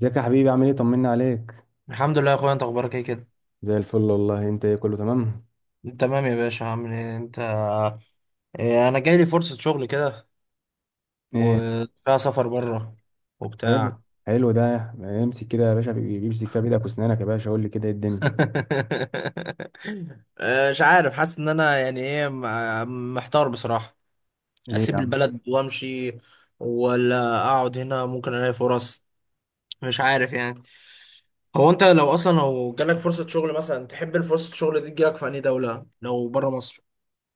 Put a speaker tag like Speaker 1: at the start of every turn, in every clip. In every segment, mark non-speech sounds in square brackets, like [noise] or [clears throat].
Speaker 1: ازيك يا حبيبي؟ عامل ايه؟ طمنا عليك.
Speaker 2: الحمد لله يا اخويا، انت اخبارك ايه كده؟
Speaker 1: زي الفل والله. انت ايه؟ كله تمام؟
Speaker 2: تمام يا باشا، عامل ايه انت؟ إيه، انا جاي لي فرصة شغل كده،
Speaker 1: ايه؟
Speaker 2: وفيها سفر بره
Speaker 1: حلو.
Speaker 2: وبتاع [laughs]
Speaker 1: حلو ده. امسك كده يا باشا، بيمسك فيها بايدك واسنانك يا باشا. قول لي كده، ايه الدنيا؟
Speaker 2: مش عارف، حاسس ان انا يعني ايه، محتار بصراحة.
Speaker 1: ليه يا
Speaker 2: اسيب
Speaker 1: عم؟
Speaker 2: البلد وامشي ولا اقعد هنا ممكن الاقي فرص؟ مش عارف يعني. هو انت لو اصلا لو جالك فرصة شغل مثلا، تحب الفرصة الشغل دي تجيلك في اي دولة لو بره مصر؟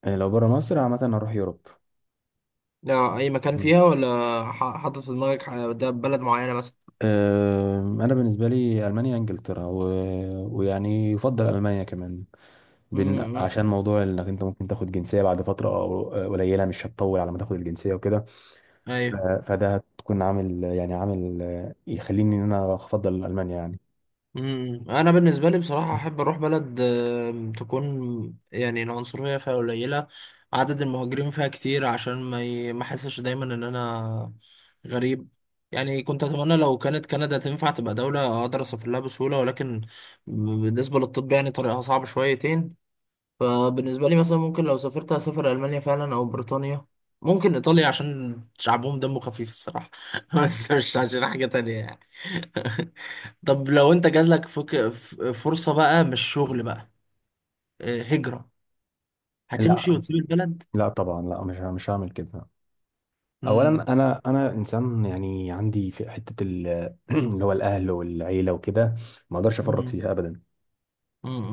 Speaker 1: إيه، لو بره مصر عامه هروح يوروب.
Speaker 2: لا، اي مكان
Speaker 1: مم.
Speaker 2: فيها، ولا حاطط في دماغك ده بلد معينة مثلا؟
Speaker 1: أه، انا بالنسبه لي المانيا، انجلترا و... ويعني يفضل المانيا كمان.
Speaker 2: امم.
Speaker 1: عشان موضوع انك انت ممكن تاخد جنسيه بعد فتره قليله، مش هتطول على ما تاخد الجنسيه وكده.
Speaker 2: ايوه.
Speaker 1: فده هتكون عامل يعني عامل يخليني ان انا افضل المانيا يعني.
Speaker 2: امم. انا بالنسبه لي بصراحه احب اروح بلد تكون، يعني، العنصريه فيها قليله، عدد المهاجرين فيها كتير، عشان ما احسش دايما ان انا غريب. يعني كنت اتمنى لو كانت كندا تنفع تبقى دوله اقدر اسافر لها بسهوله، ولكن بالنسبه للطب يعني طريقها صعب شويتين. فبالنسبه لي مثلا ممكن لو سافرت اسافر المانيا فعلا او بريطانيا، ممكن ايطاليا عشان شعبهم دمه خفيف الصراحه [laughs] بس مش عشان حاجه تانية يعني. [laughs] طب لو انت جاتلك فرصة بقى، مش شغل بقى، هجرة، هتمشي
Speaker 1: لا،
Speaker 2: وتسيب البلد؟
Speaker 1: لا طبعا، لا، مش هعمل كده.
Speaker 2: امم.
Speaker 1: اولا، انا انسان، يعني عندي في حته [clears throat] اللي هو الاهل والعيله وكده. ما اقدرش افرط
Speaker 2: امم.
Speaker 1: فيها ابدا.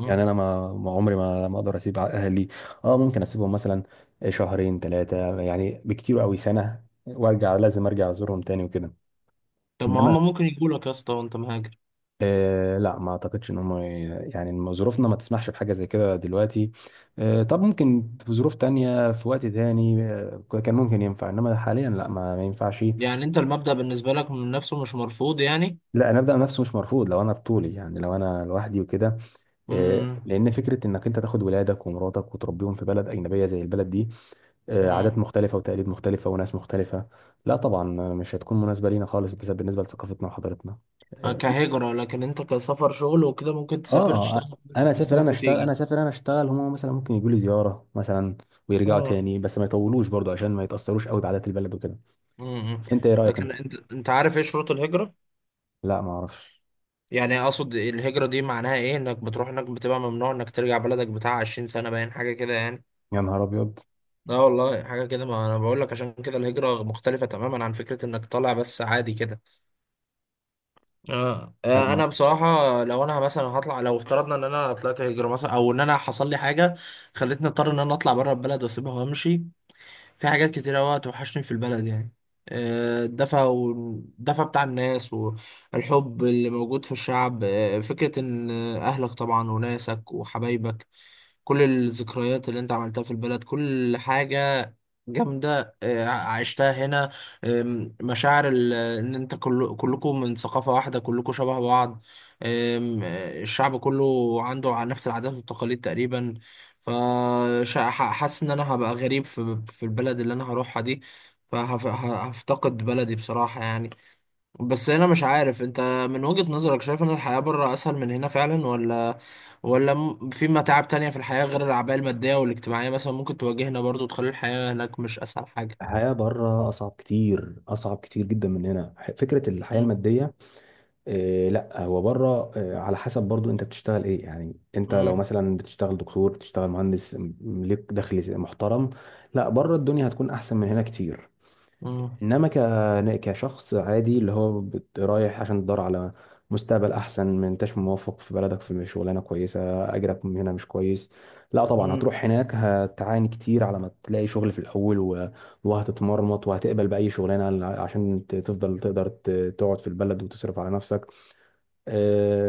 Speaker 1: يعني انا ما عمري ما اقدر اسيب اهلي. اه، ممكن اسيبهم مثلا شهرين، ثلاثه، يعني بكتير قوي سنه وارجع. لازم ارجع ازورهم تاني وكده.
Speaker 2: طب ما
Speaker 1: انما
Speaker 2: هما ممكن يقولوا لك يا اسطى وانت مهاجر.
Speaker 1: آه، لا ما اعتقدش ان هم، يعني إن ظروفنا ما تسمحش بحاجه زي كده دلوقتي. آه، طب ممكن في ظروف تانية، في وقت تاني آه كان ممكن ينفع، انما حاليا لا، ما ينفعش.
Speaker 2: يعني انت المبدأ بالنسبة لك من نفسه مش مرفوض يعني.
Speaker 1: لا، انا ابدا نفسه مش مرفوض لو انا بطولي، يعني لو انا لوحدي وكده. إيه،
Speaker 2: امم.
Speaker 1: لان فكره انك انت تاخد ولادك ومراتك وتربيهم في بلد اجنبيه زي البلد دي، إيه، عادات
Speaker 2: امم.
Speaker 1: مختلفه وتقاليد مختلفه وناس مختلفه، لا طبعا، مش هتكون مناسبه لينا خالص بس بالنسبه لثقافتنا وحضارتنا. إيه،
Speaker 2: كهجرة، لكن انت كسفر شغل وكده ممكن تسافر
Speaker 1: اه،
Speaker 2: تشتغل خمس
Speaker 1: انا
Speaker 2: ست
Speaker 1: اسافر، انا
Speaker 2: سنين
Speaker 1: اشتغل، انا
Speaker 2: وتيجي.
Speaker 1: اسافر، انا اشتغل. هم مثلا ممكن يجوا لي زياره مثلا ويرجعوا
Speaker 2: اه.
Speaker 1: تاني، بس ما يطولوش برضو عشان ما يتاثروش قوي بعادات البلد وكده.
Speaker 2: امم.
Speaker 1: انت ايه رايك
Speaker 2: لكن
Speaker 1: انت؟
Speaker 2: انت عارف ايه شروط الهجرة؟
Speaker 1: لا، ما اعرفش.
Speaker 2: يعني اقصد الهجرة دي، معناها ايه انك بتروح هناك بتبقى ممنوع انك ترجع بلدك بتاع 20 سنة، باين حاجة كده يعني.
Speaker 1: يا نهار ابيض.
Speaker 2: لا والله، حاجة كده. ما أنا بقول لك، عشان كده الهجرة مختلفة تماما عن فكرة إنك طالع بس عادي كده.
Speaker 1: انا ما.
Speaker 2: أنا بصراحة لو أنا مثلا هطلع، لو افترضنا إن أنا طلعت هجرة مثلا، أو إن أنا حصل لي حاجة خلتني أضطر إن أنا أطلع بره البلد وأسيبها وأمشي، في حاجات كتير أوي هتوحشني في البلد يعني. الدفى، والدفى بتاع الناس، والحب اللي موجود في الشعب، فكرة إن أهلك طبعا وناسك وحبايبك، كل الذكريات اللي أنت عملتها في البلد، كل حاجة جامدة عشتها هنا. آم، مشاعر ان انت كل كلكم من ثقافة واحدة، كلكم شبه بعض. آم، آه، الشعب كله عنده على نفس العادات والتقاليد تقريبا. فحاسس ان انا هبقى غريب في البلد اللي انا هروحها دي. فهفتقد بلدي بصراحة يعني. بس هنا مش عارف انت، من وجهة نظرك شايف ان الحياة بره اسهل من هنا فعلا، ولا، ولا في متاعب تانية في الحياة غير الأعباء المادية والاجتماعية مثلا ممكن تواجهنا برضو تخلي الحياة هناك مش اسهل حاجة؟
Speaker 1: الحياة بره أصعب كتير، أصعب كتير جدا من هنا. فكرة الحياة
Speaker 2: مم.
Speaker 1: المادية، إيه لا هو بره إيه على حسب برضو، أنت بتشتغل إيه يعني؟ أنت لو
Speaker 2: مم.
Speaker 1: مثلا بتشتغل دكتور، بتشتغل مهندس، ليك دخل محترم. لا بره الدنيا هتكون أحسن من هنا كتير.
Speaker 2: مم.
Speaker 1: انما كشخص عادي اللي هو رايح عشان تدور على مستقبل احسن، ما انتش موفق في بلدك في شغلانه كويسه، اجرك من هنا مش كويس، لا طبعا
Speaker 2: مم.
Speaker 1: هتروح هناك هتعاني كتير على ما تلاقي شغل في الاول و... وهتتمرمط وهتقبل باي شغلانه عشان تفضل، تقدر تقعد في البلد وتصرف على نفسك.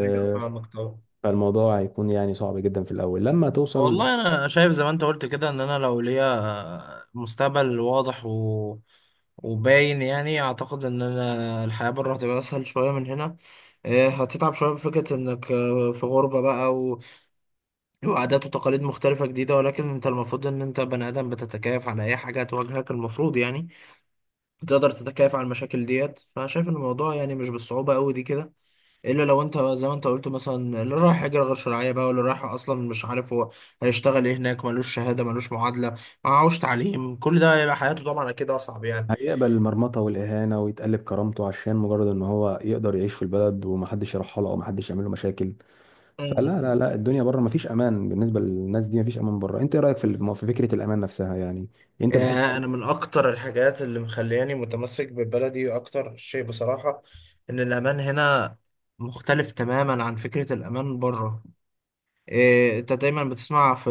Speaker 2: ايوه، فاهمك طبعا.
Speaker 1: فالموضوع هيكون يعني صعب جدا في الاول لما توصل.
Speaker 2: والله انا شايف زي ما انت قلت كده، ان انا لو ليا مستقبل واضح و... وباين يعني، اعتقد ان انا الحياة بره هتبقى اسهل شوية من هنا. هتتعب شوية بفكرة انك في غربة بقى، وعادات وتقاليد مختلفة جديدة، ولكن انت المفروض ان انت بني ادم بتتكيف على اي حاجة هتواجهك المفروض يعني. بتقدر تتكيف على المشاكل ديت، فانا شايف ان الموضوع يعني مش بالصعوبة قوي دي كده. الا لو انت زي ما انت قلت مثلا، اللي رايح هجرة غير شرعية بقى، واللي رايح اصلا مش عارف هو هيشتغل ايه هناك، ملوش شهادة، ملوش معادلة، معهوش تعليم، كل ده هيبقى حياته طبعا اكيد اصعب يعني.
Speaker 1: هيقبل المرمطة والإهانة ويتقلب كرامته عشان مجرد إن هو يقدر يعيش في البلد ومحدش يرحله أو محدش يعمل له مشاكل. فلا، لا، لا،
Speaker 2: [laughs]
Speaker 1: الدنيا بره مفيش أمان بالنسبة للناس دي، مفيش أمان بره. أنت إيه رأيك في في فكرة الأمان نفسها يعني؟ أنت
Speaker 2: يا
Speaker 1: بتحس؟
Speaker 2: انا من اكتر الحاجات اللي مخلياني متمسك ببلدي اكتر شيء بصراحة، ان الامان هنا مختلف تماما عن فكرة الامان بره. إيه، انت دايما بتسمع في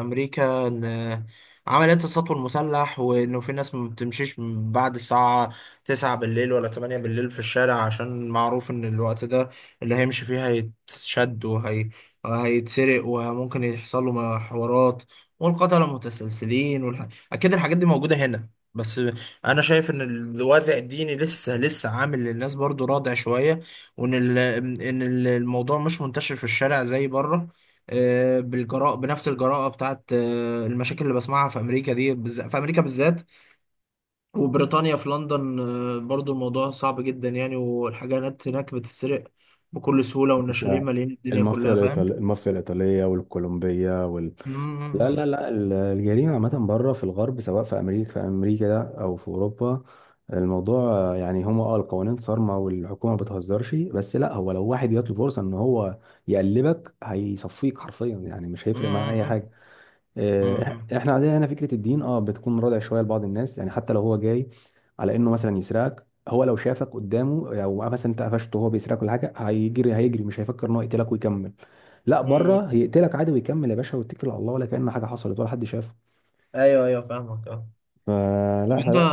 Speaker 2: امريكا ان عمليات السطو المسلح، وانه في ناس ما بتمشيش من بعد الساعة 9 بالليل ولا 8 بالليل في الشارع، عشان معروف ان الوقت ده اللي هيمشي فيه هيتشد وهيتسرق وممكن يحصل له حوارات، والقتلة متسلسلين اكيد الحاجات دي موجودة هنا، بس انا شايف ان الوازع الديني لسه لسه عامل للناس برضو رادع شوية، وان ان الموضوع مش منتشر في الشارع زي بره. آه، بالجراءة بنفس الجراءة بتاعت المشاكل اللي بسمعها في أمريكا، دي بالذات، في أمريكا بالذات وبريطانيا، في لندن برضو الموضوع صعب جدا يعني، والحاجات هناك بتتسرق بكل سهولة،
Speaker 1: مش-
Speaker 2: والنشالين مالين الدنيا
Speaker 1: المافيا
Speaker 2: كلها، فاهم؟
Speaker 1: الإيطالية، المافيا الإيطالية والكولومبية.
Speaker 2: مم.
Speaker 1: لا، لا،
Speaker 2: مم.
Speaker 1: لا، الجريمة عامة بره في الغرب، سواء في أمريكا ده أو في أوروبا. الموضوع يعني هما القوانين صارمة والحكومة ما بتهزرش. بس لا، هو لو واحد جات له فرصة إن هو يقلبك هيصفيك حرفيا، يعني مش هيفرق معاه أي
Speaker 2: مم.
Speaker 1: حاجة.
Speaker 2: مم. مم.
Speaker 1: إحنا عندنا هنا فكرة الدين بتكون رادع شوية لبعض الناس، يعني حتى لو هو جاي على إنه مثلا يسرقك، هو لو شافك قدامه أو مثلا أنت قفشته وهو بيسرقك ولا حاجة، هيجري هيجري، مش هيفكر إن هو يقتلك ويكمل. لا بره
Speaker 2: مم.
Speaker 1: هيقتلك عادي ويكمل يا باشا، ويتكل على الله ولا كأن حاجه حصلت ولا حد شافه.
Speaker 2: ايوه ايوه، فاهمك اه. طب
Speaker 1: فلا
Speaker 2: انت،
Speaker 1: فده.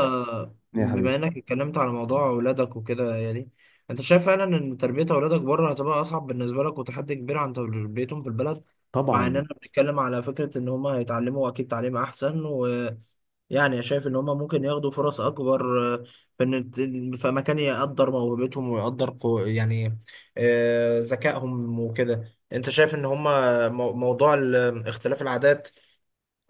Speaker 1: يا حبيبي.
Speaker 2: بما انك اتكلمت على موضوع اولادك وكده يعني، انت شايف فعلا ان تربية اولادك بره هتبقى اصعب بالنسبة لك وتحدي كبير عن تربيتهم في البلد؟ مع اننا
Speaker 1: طبعا.
Speaker 2: بنتكلم على فكرة ان هما هيتعلموا اكيد تعليم احسن، ويعني شايف ان هما ممكن ياخدوا فرص اكبر، في ان الت- في مكان يقدر موهبتهم ويقدر يعني ذكائهم وكده، انت شايف ان هما موضوع اختلاف العادات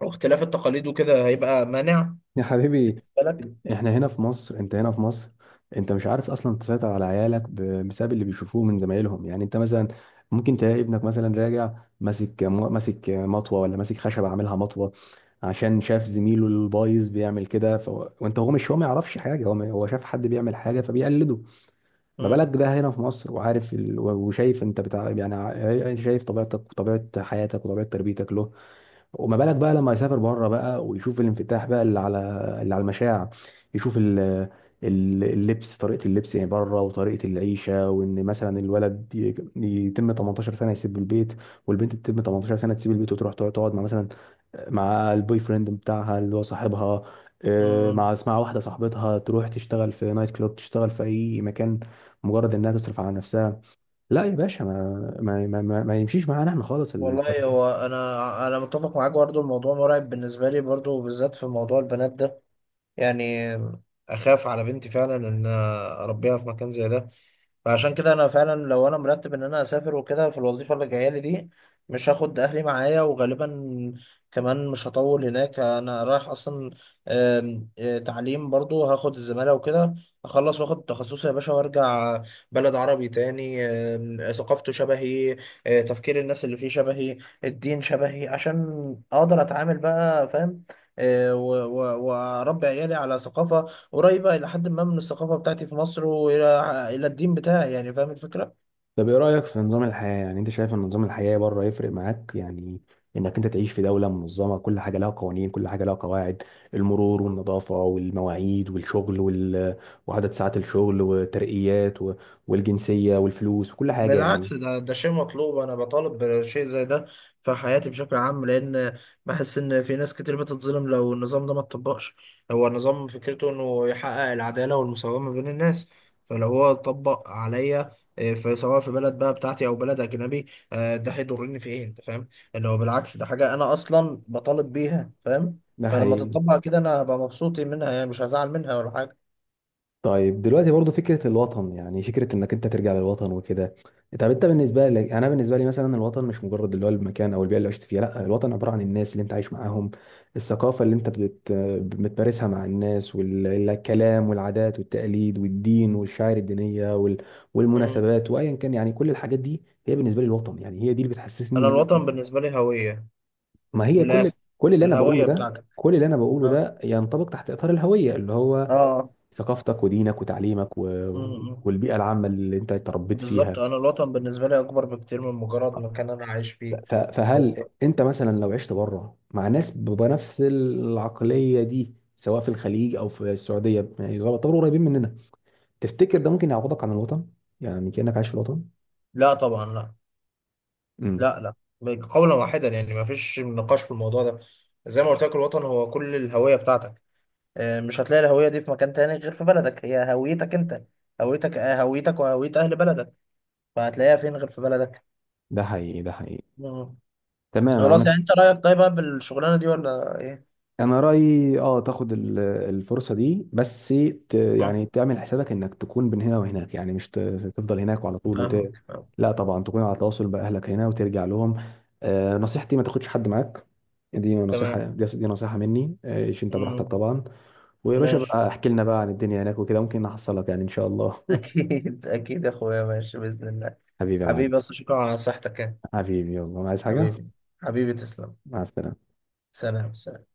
Speaker 2: واختلاف التقاليد وكده هيبقى مانع
Speaker 1: يا حبيبي،
Speaker 2: بالنسبة لك؟
Speaker 1: احنا هنا في مصر، انت هنا في مصر، انت مش عارف اصلا تسيطر على عيالك بسبب اللي بيشوفوه من زمايلهم. يعني انت مثلا ممكن تلاقي ابنك مثلا راجع ماسك مطوه، ولا ماسك خشب عاملها مطوه، عشان شاف زميله البايظ بيعمل كده ف... وانت هو مش هو ما يعرفش حاجه، هو ما... هو شاف حد بيعمل حاجه فبيقلده. ما
Speaker 2: مم.
Speaker 1: بالك ده هنا في مصر وعارف وشايف انت بتاع يعني يعني شايف طبيعتك وطبيعه حياتك وطبيعه تربيتك له. وما بالك بقى لما يسافر بره بقى ويشوف الانفتاح بقى اللي على المشاع. يشوف اللبس، طريقة اللبس يعني بره، وطريقة العيشة، وإن مثلا الولد يتم 18 سنة يسيب البيت، والبنت تتم 18 سنة تسيب البيت، وتروح تقعد مع مثلا مع البوي فريند بتاعها اللي هو صاحبها.
Speaker 2: مم.
Speaker 1: مع واحدة صاحبتها تروح تشتغل في نايت كلوب، تشتغل في أي مكان، مجرد إنها تصرف على نفسها. لا يا باشا، ما يمشيش معانا احنا خالص
Speaker 2: والله، هو انا متفق معاك برضو، الموضوع مرعب بالنسبه لي برضو، بالذات في موضوع البنات ده، يعني اخاف على بنتي فعلا ان اربيها في مكان زي ده. فعشان كده انا فعلا لو انا مرتب ان انا اسافر وكده في الوظيفه اللي جايه لي دي، مش هاخد اهلي معايا، وغالبا كمان مش هطول هناك، انا رايح اصلا آم، آه، تعليم، برضو هاخد الزماله وكده، اخلص واخد تخصصي يا باشا، وارجع بلد عربي تاني ثقافته شبهي، تفكير الناس اللي فيه شبهي، الدين شبهي، عشان اقدر اتعامل بقى فاهم، واربي عيالي على ثقافه قريبه الى حد ما من الثقافه بتاعتي في مصر، والى الدين بتاعي يعني، فاهم الفكره.
Speaker 1: طب ايه رأيك في نظام الحياة؟ يعني انت شايف ان نظام الحياة بره يفرق معاك يعني، انك انت تعيش في دولة منظمة، كل حاجة لها قوانين، كل حاجة لها قواعد، المرور والنظافة والمواعيد والشغل وال... وعدد ساعات الشغل وترقيات و... والجنسية والفلوس وكل حاجة يعني.
Speaker 2: بالعكس، ده شيء مطلوب، انا بطالب بشيء زي ده في حياتي بشكل عام، لان بحس ان في ناس كتير بتتظلم لو النظام ده ما اتطبقش. هو النظام فكرته انه يحقق العدالة والمساومة بين الناس، فلو هو اتطبق عليا، إيه، سواء في بلد بقى بتاعتي او بلد اجنبي، ده هيضرني في ايه انت فاهم؟ اللي هو بالعكس، ده حاجة انا اصلا بطالب بيها فاهم،
Speaker 1: ده
Speaker 2: فلما
Speaker 1: حقيقي.
Speaker 2: تتطبق كده انا هبقى مبسوط منها يعني، مش هزعل منها ولا حاجة.
Speaker 1: طيب دلوقتي برضو فكرة الوطن، يعني فكرة انك انت ترجع للوطن وكده، طب انت بالنسبة لك؟ انا بالنسبة لي مثلا الوطن مش مجرد اللي هو المكان او البيئة اللي عشت فيها. لا، الوطن عبارة عن الناس اللي انت عايش معاهم، الثقافة اللي انت بتمارسها مع الناس، والكلام والعادات والتقاليد والدين والشعائر الدينية وال...
Speaker 2: مم.
Speaker 1: والمناسبات وايا كان يعني. كل الحاجات دي هي بالنسبة لي الوطن، يعني هي دي اللي بتحسسني
Speaker 2: انا
Speaker 1: ان انا.
Speaker 2: الوطن بالنسبة لي هوية،
Speaker 1: ما
Speaker 2: من
Speaker 1: هي كل،
Speaker 2: الاخر.
Speaker 1: كل اللي انا بقوله
Speaker 2: الهوية
Speaker 1: ده،
Speaker 2: بتاعتك.
Speaker 1: كل اللي انا بقوله ده ينطبق تحت اطار الهوية، اللي هو
Speaker 2: اه.
Speaker 1: ثقافتك ودينك وتعليمك و...
Speaker 2: مم.
Speaker 1: والبيئة العامة اللي انت اتربيت
Speaker 2: بالظبط،
Speaker 1: فيها.
Speaker 2: انا الوطن بالنسبه لي اكبر بكتير من مجرد مكان انا عايش فيه.
Speaker 1: فهل
Speaker 2: أو-
Speaker 1: انت مثلا لو عشت بره مع ناس بنفس العقلية دي، سواء في الخليج او في السعودية، يعني يعتبروا قريبين مننا، تفتكر ده ممكن يعوضك عن الوطن؟ يعني كأنك عايش في الوطن.
Speaker 2: لا طبعا، لا،
Speaker 1: امم.
Speaker 2: لا لا، قولا واحدا يعني، ما فيش نقاش في الموضوع ده. زي ما قلت لك، الوطن هو كل الهويه بتاعتك، مش هتلاقي الهويه دي في مكان تاني غير في بلدك، هي هويتك انت، هويتك هويتك وهويه اهل بلدك، فهتلاقيها فين غير في بلدك؟
Speaker 1: ده حقيقي، ده حقيقي.
Speaker 2: مم. خلاص،
Speaker 1: تمام.
Speaker 2: يعني انت رايك طيب بقى بالشغلانه دي ولا ايه؟
Speaker 1: انا رايي تاخد الفرصه دي، بس ت
Speaker 2: مم.
Speaker 1: يعني تعمل حسابك انك تكون من هنا وهناك، يعني مش تفضل هناك وعلى طول وت...
Speaker 2: فاهمك فاهمك.
Speaker 1: لا طبعا، تكون على تواصل باهلك هنا وترجع لهم. نصيحتي ما تاخدش حد معاك.
Speaker 2: تمام.
Speaker 1: دي نصيحه مني. عيش انت براحتك
Speaker 2: مم.
Speaker 1: طبعا. ويا باشا
Speaker 2: ماشي.
Speaker 1: بقى احكي لنا بقى عن الدنيا هناك وكده، ممكن احصلك يعني ان شاء الله.
Speaker 2: أكيد أكيد يا أخويا، ماشي بإذن الله.
Speaker 1: [laughs] حبيبي يا معلم.
Speaker 2: حبيبي، بس شكرا على نصيحتك يعني.
Speaker 1: حبيبي، يلا عايز حاجه؟
Speaker 2: حبيبي. حبيبي، تسلم.
Speaker 1: مع السلامه.
Speaker 2: سلام سلام.